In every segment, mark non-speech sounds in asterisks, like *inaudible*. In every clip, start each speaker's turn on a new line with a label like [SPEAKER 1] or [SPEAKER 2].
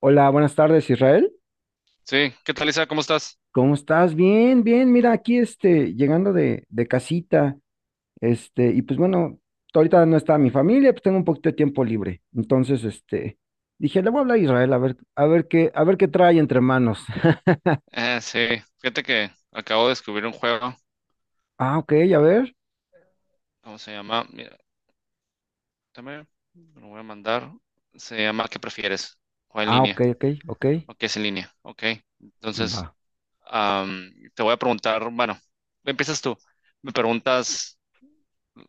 [SPEAKER 1] Hola, buenas tardes, Israel.
[SPEAKER 2] Sí, ¿qué tal, Isa? ¿Cómo estás?
[SPEAKER 1] ¿Cómo estás? Bien, bien. Mira, aquí este, llegando de casita, este, y pues bueno, ahorita no está mi familia, pues tengo un poquito de tiempo libre. Entonces, este, dije, le voy a hablar a Israel, a ver, a ver qué trae entre manos. *laughs*
[SPEAKER 2] Eh, sí, fíjate que acabo de descubrir un juego.
[SPEAKER 1] Ah, ok, a ver.
[SPEAKER 2] ¿Cómo se llama? Mira, también lo voy a mandar. Se llama ¿Qué prefieres? ¿O en
[SPEAKER 1] Ah, ok,
[SPEAKER 2] línea?
[SPEAKER 1] ok, ok.
[SPEAKER 2] ¿O qué es en línea? Ok. Entonces,
[SPEAKER 1] Va.
[SPEAKER 2] te voy a preguntar, bueno, empiezas tú. Me preguntas,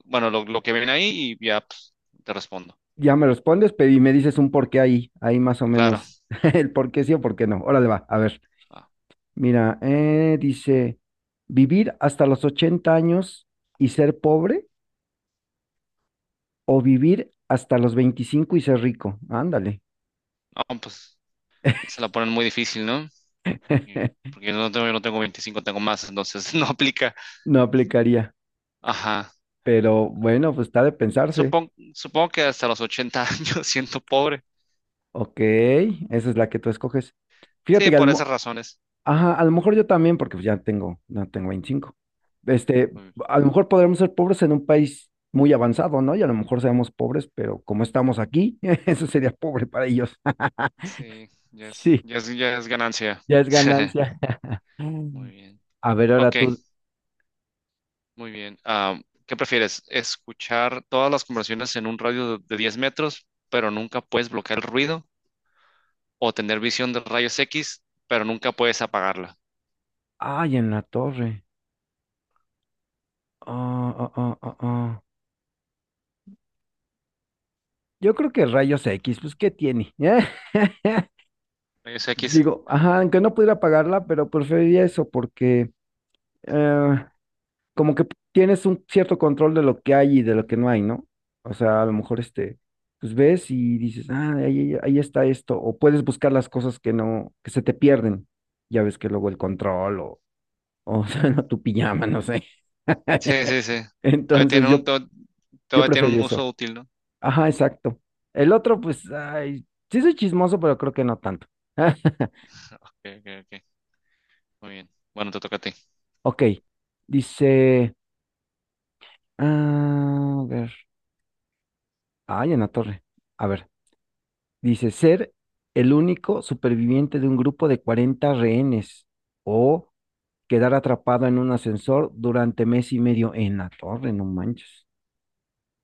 [SPEAKER 2] bueno, lo que viene ahí y ya pues, te respondo.
[SPEAKER 1] Ya me respondes, pero y me dices un por qué ahí, ahí más o
[SPEAKER 2] Claro.
[SPEAKER 1] menos, *laughs* el por qué sí o por qué no. Órale, va, a ver.
[SPEAKER 2] Ah,
[SPEAKER 1] Mira, dice, vivir hasta los 80 años y ser pobre. O vivir hasta los 25 y ser rico. Ándale.
[SPEAKER 2] no, pues se la ponen muy difícil, ¿no?
[SPEAKER 1] *laughs*
[SPEAKER 2] Porque yo no tengo 25, tengo más, entonces *laughs* no aplica.
[SPEAKER 1] No aplicaría.
[SPEAKER 2] Ajá.
[SPEAKER 1] Pero bueno, pues está de pensarse.
[SPEAKER 2] Supongo que hasta los 80 años *laughs* siento pobre.
[SPEAKER 1] Ok, esa es la que tú escoges. Fíjate
[SPEAKER 2] Sí,
[SPEAKER 1] que
[SPEAKER 2] por esas razones.
[SPEAKER 1] ajá, a lo mejor yo también, porque pues ya tengo, no tengo 25. Este,
[SPEAKER 2] Mm.
[SPEAKER 1] a lo mejor podremos ser pobres en un país muy avanzado, ¿no? Y a lo mejor seamos pobres, pero como estamos aquí, *laughs* eso sería pobre para ellos.
[SPEAKER 2] Sí,
[SPEAKER 1] *laughs* Sí,
[SPEAKER 2] ya es ganancia.
[SPEAKER 1] ya es
[SPEAKER 2] *laughs*
[SPEAKER 1] ganancia.
[SPEAKER 2] Muy
[SPEAKER 1] *laughs*
[SPEAKER 2] bien.
[SPEAKER 1] A ver,
[SPEAKER 2] Ok,
[SPEAKER 1] ahora tú.
[SPEAKER 2] muy bien. ¿Qué prefieres? ¿Escuchar todas las conversaciones en un radio de 10 metros, pero nunca puedes bloquear el ruido? ¿O tener visión de rayos X, pero nunca puedes apagarla?
[SPEAKER 1] Ay, en la torre. Ah. Yo creo que rayos X, pues, ¿qué tiene? *laughs*
[SPEAKER 2] ¿Rayos X?
[SPEAKER 1] Digo, ajá, aunque no pudiera pagarla, pero preferiría eso porque eh, como que tienes un cierto control de lo que hay y de lo que no hay, ¿no? O sea, a lo mejor este, pues ves y dices, ah, ahí, ahí está esto, o puedes buscar las cosas que no, que se te pierden. Ya ves que luego el control o *laughs* sea, tu pijama, no sé.
[SPEAKER 2] Sí,
[SPEAKER 1] *laughs*
[SPEAKER 2] sí, sí. Todavía
[SPEAKER 1] Entonces
[SPEAKER 2] tiene un,
[SPEAKER 1] yo,
[SPEAKER 2] to-
[SPEAKER 1] yo
[SPEAKER 2] todavía tiene
[SPEAKER 1] preferiría
[SPEAKER 2] un uso
[SPEAKER 1] eso.
[SPEAKER 2] útil, ¿no?
[SPEAKER 1] Ajá, exacto. El otro, pues, ay, sí soy chismoso, pero creo que no tanto. *laughs*
[SPEAKER 2] Ok, ok, ok. Muy bien. Bueno, te toca a ti.
[SPEAKER 1] Ok, dice, a ver, ay, en la torre. A ver, dice ser el único superviviente de un grupo de 40 rehenes o quedar atrapado en un ascensor durante mes y medio en la torre, no manches.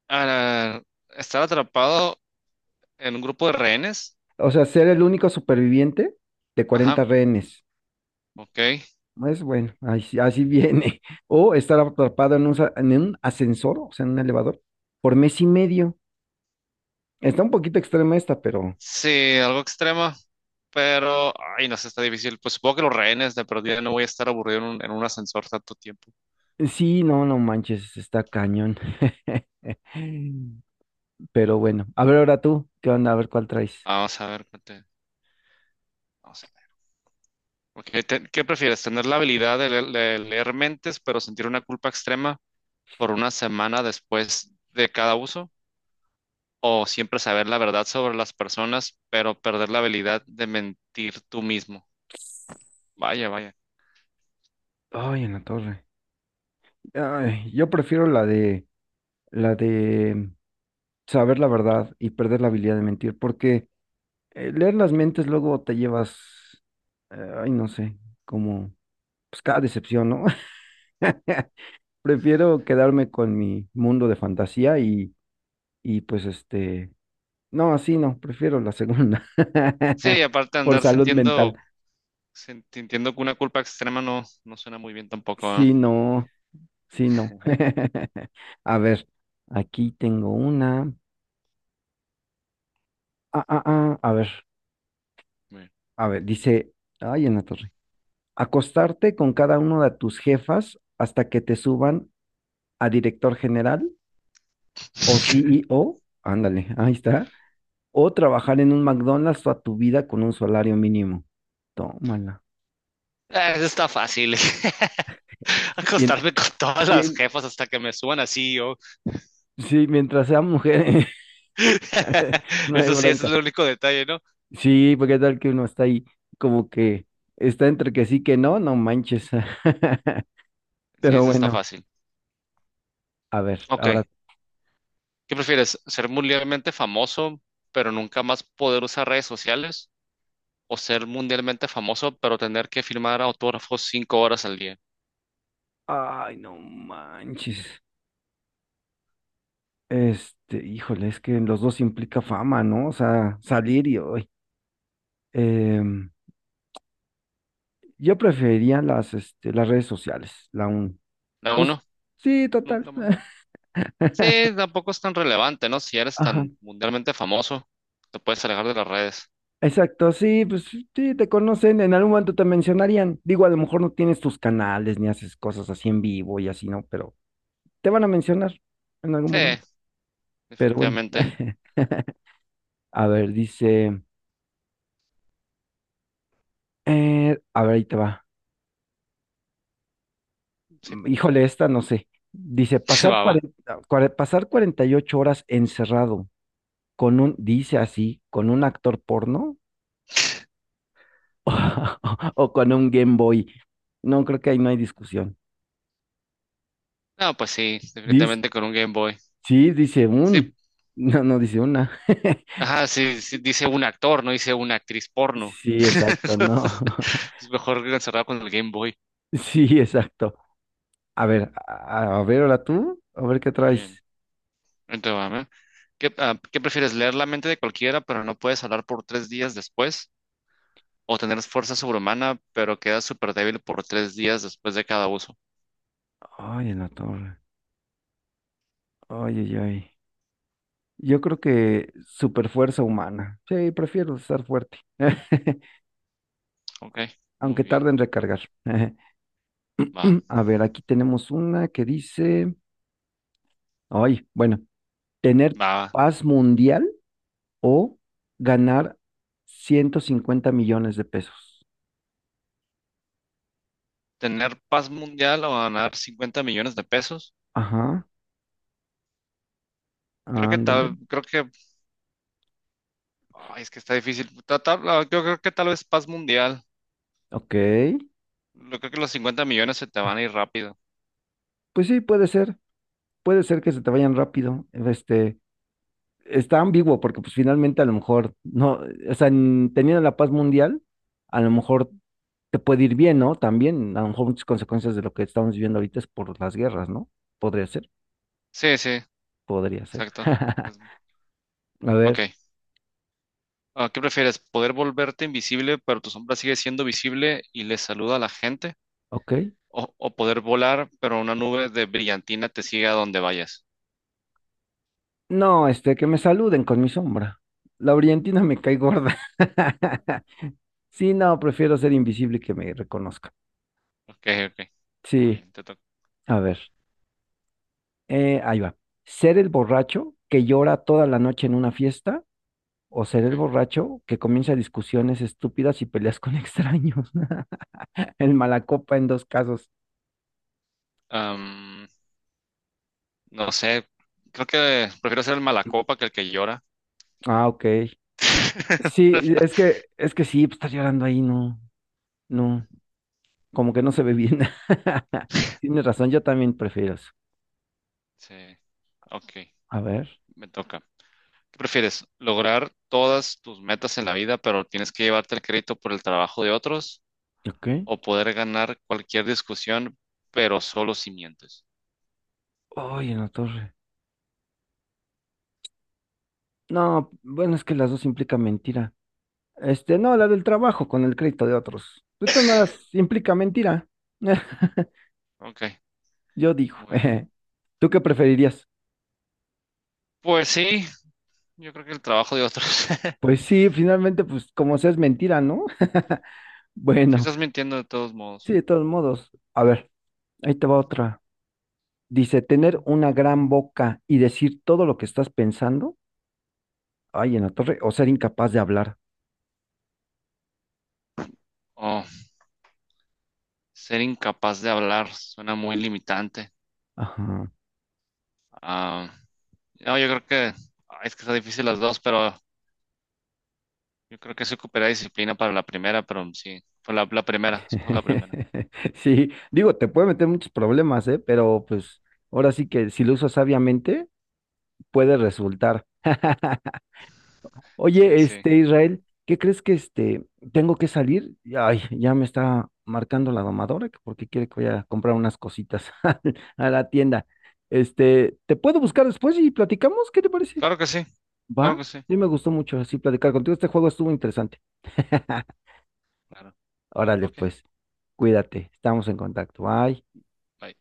[SPEAKER 2] Ah, estar atrapado en un grupo de rehenes.
[SPEAKER 1] O sea, ser el único superviviente de
[SPEAKER 2] Ajá,
[SPEAKER 1] 40 rehenes.
[SPEAKER 2] ok.
[SPEAKER 1] Es bueno, así, así viene. *laughs* O estar atrapado en un ascensor, o sea, en un elevador, por mes y medio. Está un poquito extrema esta, pero
[SPEAKER 2] Sí, algo extremo, pero, ay, no sé, está difícil. Pues supongo que los rehenes de perdida no voy a estar aburrido en un ascensor tanto tiempo.
[SPEAKER 1] sí, no, no manches, está cañón. *laughs* Pero bueno, a ver ahora tú, ¿qué onda? A ver cuál traes.
[SPEAKER 2] Vamos a ver, espérate, vamos a ver. Ok, ¿qué prefieres? ¿Tener la habilidad de leer mentes, pero sentir una culpa extrema por una semana después de cada uso? ¿O siempre saber la verdad sobre las personas, pero perder la habilidad de mentir tú mismo? Vaya, vaya.
[SPEAKER 1] Ay, en la torre. Ay, yo prefiero la de saber la verdad y perder la habilidad de mentir, porque leer las mentes luego te llevas, ay, no sé, como, pues cada decepción, ¿no? *laughs* Prefiero quedarme con mi mundo de fantasía y pues este, no, así no, prefiero la segunda. *laughs*
[SPEAKER 2] Sí, aparte de
[SPEAKER 1] Por
[SPEAKER 2] andar
[SPEAKER 1] salud mental.
[SPEAKER 2] te entiendo que una culpa extrema no, no suena muy bien tampoco, ¿eh?
[SPEAKER 1] Sí, no, sí, no. *laughs* A ver, aquí tengo una. Ah, ah, ah, a ver,
[SPEAKER 2] Muy bien.
[SPEAKER 1] a ver, dice, ay, en la torre. Acostarte con cada uno de tus jefas hasta que te suban a director general o C E
[SPEAKER 2] *laughs*
[SPEAKER 1] o Ándale, ahí está. O trabajar en un McDonald's toda tu vida con un salario mínimo. Tómala.
[SPEAKER 2] Ah, eso está fácil. *laughs*
[SPEAKER 1] Bien,
[SPEAKER 2] Acostarme con todas las
[SPEAKER 1] bien,
[SPEAKER 2] jefas hasta que me suban así yo.
[SPEAKER 1] sí, mientras sea mujer,
[SPEAKER 2] *laughs*
[SPEAKER 1] *laughs* no hay
[SPEAKER 2] Eso sí, ese es
[SPEAKER 1] bronca.
[SPEAKER 2] el único detalle, ¿no?
[SPEAKER 1] Sí, porque tal que uno está ahí como que está entre que sí que no, no manches. *laughs*
[SPEAKER 2] Sí,
[SPEAKER 1] Pero
[SPEAKER 2] eso está
[SPEAKER 1] bueno,
[SPEAKER 2] fácil.
[SPEAKER 1] a ver,
[SPEAKER 2] Ok.
[SPEAKER 1] ahora.
[SPEAKER 2] ¿Qué prefieres? ¿Ser mundialmente famoso, pero nunca más poder usar redes sociales? ¿O ser mundialmente famoso, pero tener que firmar autógrafos 5 horas al día?
[SPEAKER 1] Ay, no manches. Este, híjole, es que en los dos implica fama, ¿no? O sea, salir y hoy. Em, yo preferiría las, este, las redes sociales, la un.
[SPEAKER 2] ¿La
[SPEAKER 1] Pues
[SPEAKER 2] uno?
[SPEAKER 1] sí, total.
[SPEAKER 2] Nunca más.
[SPEAKER 1] *laughs*
[SPEAKER 2] Sí, tampoco es tan relevante, ¿no? Si eres
[SPEAKER 1] Ajá,
[SPEAKER 2] tan mundialmente famoso, te puedes alejar de las redes.
[SPEAKER 1] exacto, sí, pues sí, te conocen, en algún momento te mencionarían. Digo, a lo mejor no tienes tus canales ni haces cosas así en vivo y así, ¿no? Pero te van a mencionar en algún
[SPEAKER 2] Sí,
[SPEAKER 1] momento. Pero bueno,
[SPEAKER 2] definitivamente.
[SPEAKER 1] *laughs* a ver, dice, a ver, ahí te va.
[SPEAKER 2] Sí,
[SPEAKER 1] Híjole, esta no sé. Dice,
[SPEAKER 2] *laughs* va, va.
[SPEAKER 1] pasar 48 horas encerrado con un, dice así, con un actor porno *laughs* o con un Game Boy. No, creo que ahí no hay discusión.
[SPEAKER 2] No, pues sí,
[SPEAKER 1] Dis-
[SPEAKER 2] definitivamente con un Game Boy.
[SPEAKER 1] Sí, dice
[SPEAKER 2] Sí,
[SPEAKER 1] un. No, no dice una. *laughs*
[SPEAKER 2] ajá, sí, sí, dice un actor, no dice una actriz porno. *laughs*
[SPEAKER 1] Sí, exacto, no.
[SPEAKER 2] Entonces,
[SPEAKER 1] *laughs*
[SPEAKER 2] es mejor que encerrado con el Game Boy.
[SPEAKER 1] Sí, exacto. A ver, ahora tú, a ver qué
[SPEAKER 2] Muy bien.
[SPEAKER 1] traes.
[SPEAKER 2] Entonces, va, ¿eh? ¿ ¿qué prefieres? ¿Leer la mente de cualquiera, pero no puedes hablar por 3 días después? ¿O tener fuerza sobrehumana, pero quedas súper débil por 3 días después de cada uso?
[SPEAKER 1] Ay, en la torre. Ay, ay, ay. Yo creo que super fuerza humana. Sí, prefiero estar fuerte, *laughs*
[SPEAKER 2] Ok,
[SPEAKER 1] aunque
[SPEAKER 2] muy
[SPEAKER 1] tarde
[SPEAKER 2] bien.
[SPEAKER 1] en recargar. *laughs*
[SPEAKER 2] Va.
[SPEAKER 1] A ver, aquí tenemos una que dice, ay, bueno, tener
[SPEAKER 2] Va,
[SPEAKER 1] paz mundial o ganar 150 millones de pesos.
[SPEAKER 2] tener paz mundial o ganar 50 millones de pesos.
[SPEAKER 1] Ajá,
[SPEAKER 2] Creo que
[SPEAKER 1] ándale.
[SPEAKER 2] tal, creo que, ay, es que está difícil. Yo creo que tal vez paz mundial.
[SPEAKER 1] Ok,
[SPEAKER 2] Yo creo que los 50 millones se te van a ir rápido.
[SPEAKER 1] pues sí, puede ser que se te vayan rápido. Este, está ambiguo porque pues finalmente a lo mejor no, o sea, teniendo la paz mundial, a lo mejor te puede ir bien, ¿no? También, a lo mejor muchas consecuencias de lo que estamos viviendo ahorita es por las guerras, ¿no? Podría ser,
[SPEAKER 2] Sí, sí,
[SPEAKER 1] podría ser.
[SPEAKER 2] exacto.
[SPEAKER 1] *laughs*
[SPEAKER 2] Es-
[SPEAKER 1] A ver,
[SPEAKER 2] ok. Ah, ¿qué prefieres? ¿Poder volverte invisible, pero tu sombra sigue siendo visible y le saluda a la gente?
[SPEAKER 1] ok.
[SPEAKER 2] ¿O poder volar, pero una nube de brillantina te sigue a donde vayas?
[SPEAKER 1] No, este, que me saluden con mi sombra. La orientina me cae gorda. *laughs* Sí, no, prefiero ser invisible que me reconozcan.
[SPEAKER 2] Ok, ok. Muy
[SPEAKER 1] Sí,
[SPEAKER 2] bien, te toca.
[SPEAKER 1] a ver. Ahí va. ¿Ser el borracho que llora toda la noche en una fiesta o ser el borracho que comienza discusiones estúpidas y peleas con extraños? *laughs* El malacopa en dos casos.
[SPEAKER 2] Ok. No sé, creo que prefiero ser el malacopa que el que llora.
[SPEAKER 1] Ah, ok. Sí,
[SPEAKER 2] *laughs*
[SPEAKER 1] es que sí, pues, estar llorando ahí, no, no, como que no se ve bien. *laughs* Tienes razón, yo también prefiero eso.
[SPEAKER 2] Sí, ok,
[SPEAKER 1] A ver,
[SPEAKER 2] me toca. ¿Qué prefieres? ¿Lograr todas tus metas en la vida, pero tienes que llevarte el crédito por el trabajo de otros?
[SPEAKER 1] ok.
[SPEAKER 2] ¿O poder ganar cualquier discusión, pero solo si mientes?
[SPEAKER 1] Ay, en la torre. No, bueno, es que las dos implican mentira. Este, no, la del trabajo con el crédito de otros. Esto no implica mentira. *laughs*
[SPEAKER 2] Ok,
[SPEAKER 1] Yo digo,
[SPEAKER 2] muy bien.
[SPEAKER 1] *laughs* ¿tú qué preferirías?
[SPEAKER 2] Pues sí, yo creo que el trabajo de otros. *laughs*
[SPEAKER 1] Pues sí, finalmente, pues como sea es mentira, ¿no? *laughs*
[SPEAKER 2] Si
[SPEAKER 1] Bueno,
[SPEAKER 2] estás mintiendo de todos
[SPEAKER 1] sí,
[SPEAKER 2] modos.
[SPEAKER 1] de todos modos. A ver, ahí te va otra. Dice, tener una gran boca y decir todo lo que estás pensando, ay, en la torre, o ser incapaz de hablar.
[SPEAKER 2] Oh, ser incapaz de hablar suena muy limitante.
[SPEAKER 1] Ajá. *laughs*
[SPEAKER 2] Ah, no, yo creo que es que está difícil las dos, pero yo creo que se ocupará disciplina para la primera, pero sí, fue la primera, escojo la primera.
[SPEAKER 1] Sí, digo, te puede meter muchos problemas, ¿eh? Pero pues ahora sí que si lo usas sabiamente, puede resultar. *laughs*
[SPEAKER 2] Sí,
[SPEAKER 1] Oye,
[SPEAKER 2] sí.
[SPEAKER 1] este Israel, ¿qué crees que este tengo que salir? Ay, ya me está marcando la domadora que porque quiere que vaya a comprar unas cositas *laughs* a la tienda. Este, ¿te puedo buscar después y platicamos? ¿Qué te parece?
[SPEAKER 2] Claro que sí, claro
[SPEAKER 1] Va,
[SPEAKER 2] que sí.
[SPEAKER 1] sí me gustó mucho así platicar contigo. Este juego estuvo interesante. *laughs*
[SPEAKER 2] Claro.
[SPEAKER 1] Órale,
[SPEAKER 2] Ok,
[SPEAKER 1] pues, cuídate, estamos en contacto. Bye.
[SPEAKER 2] bye.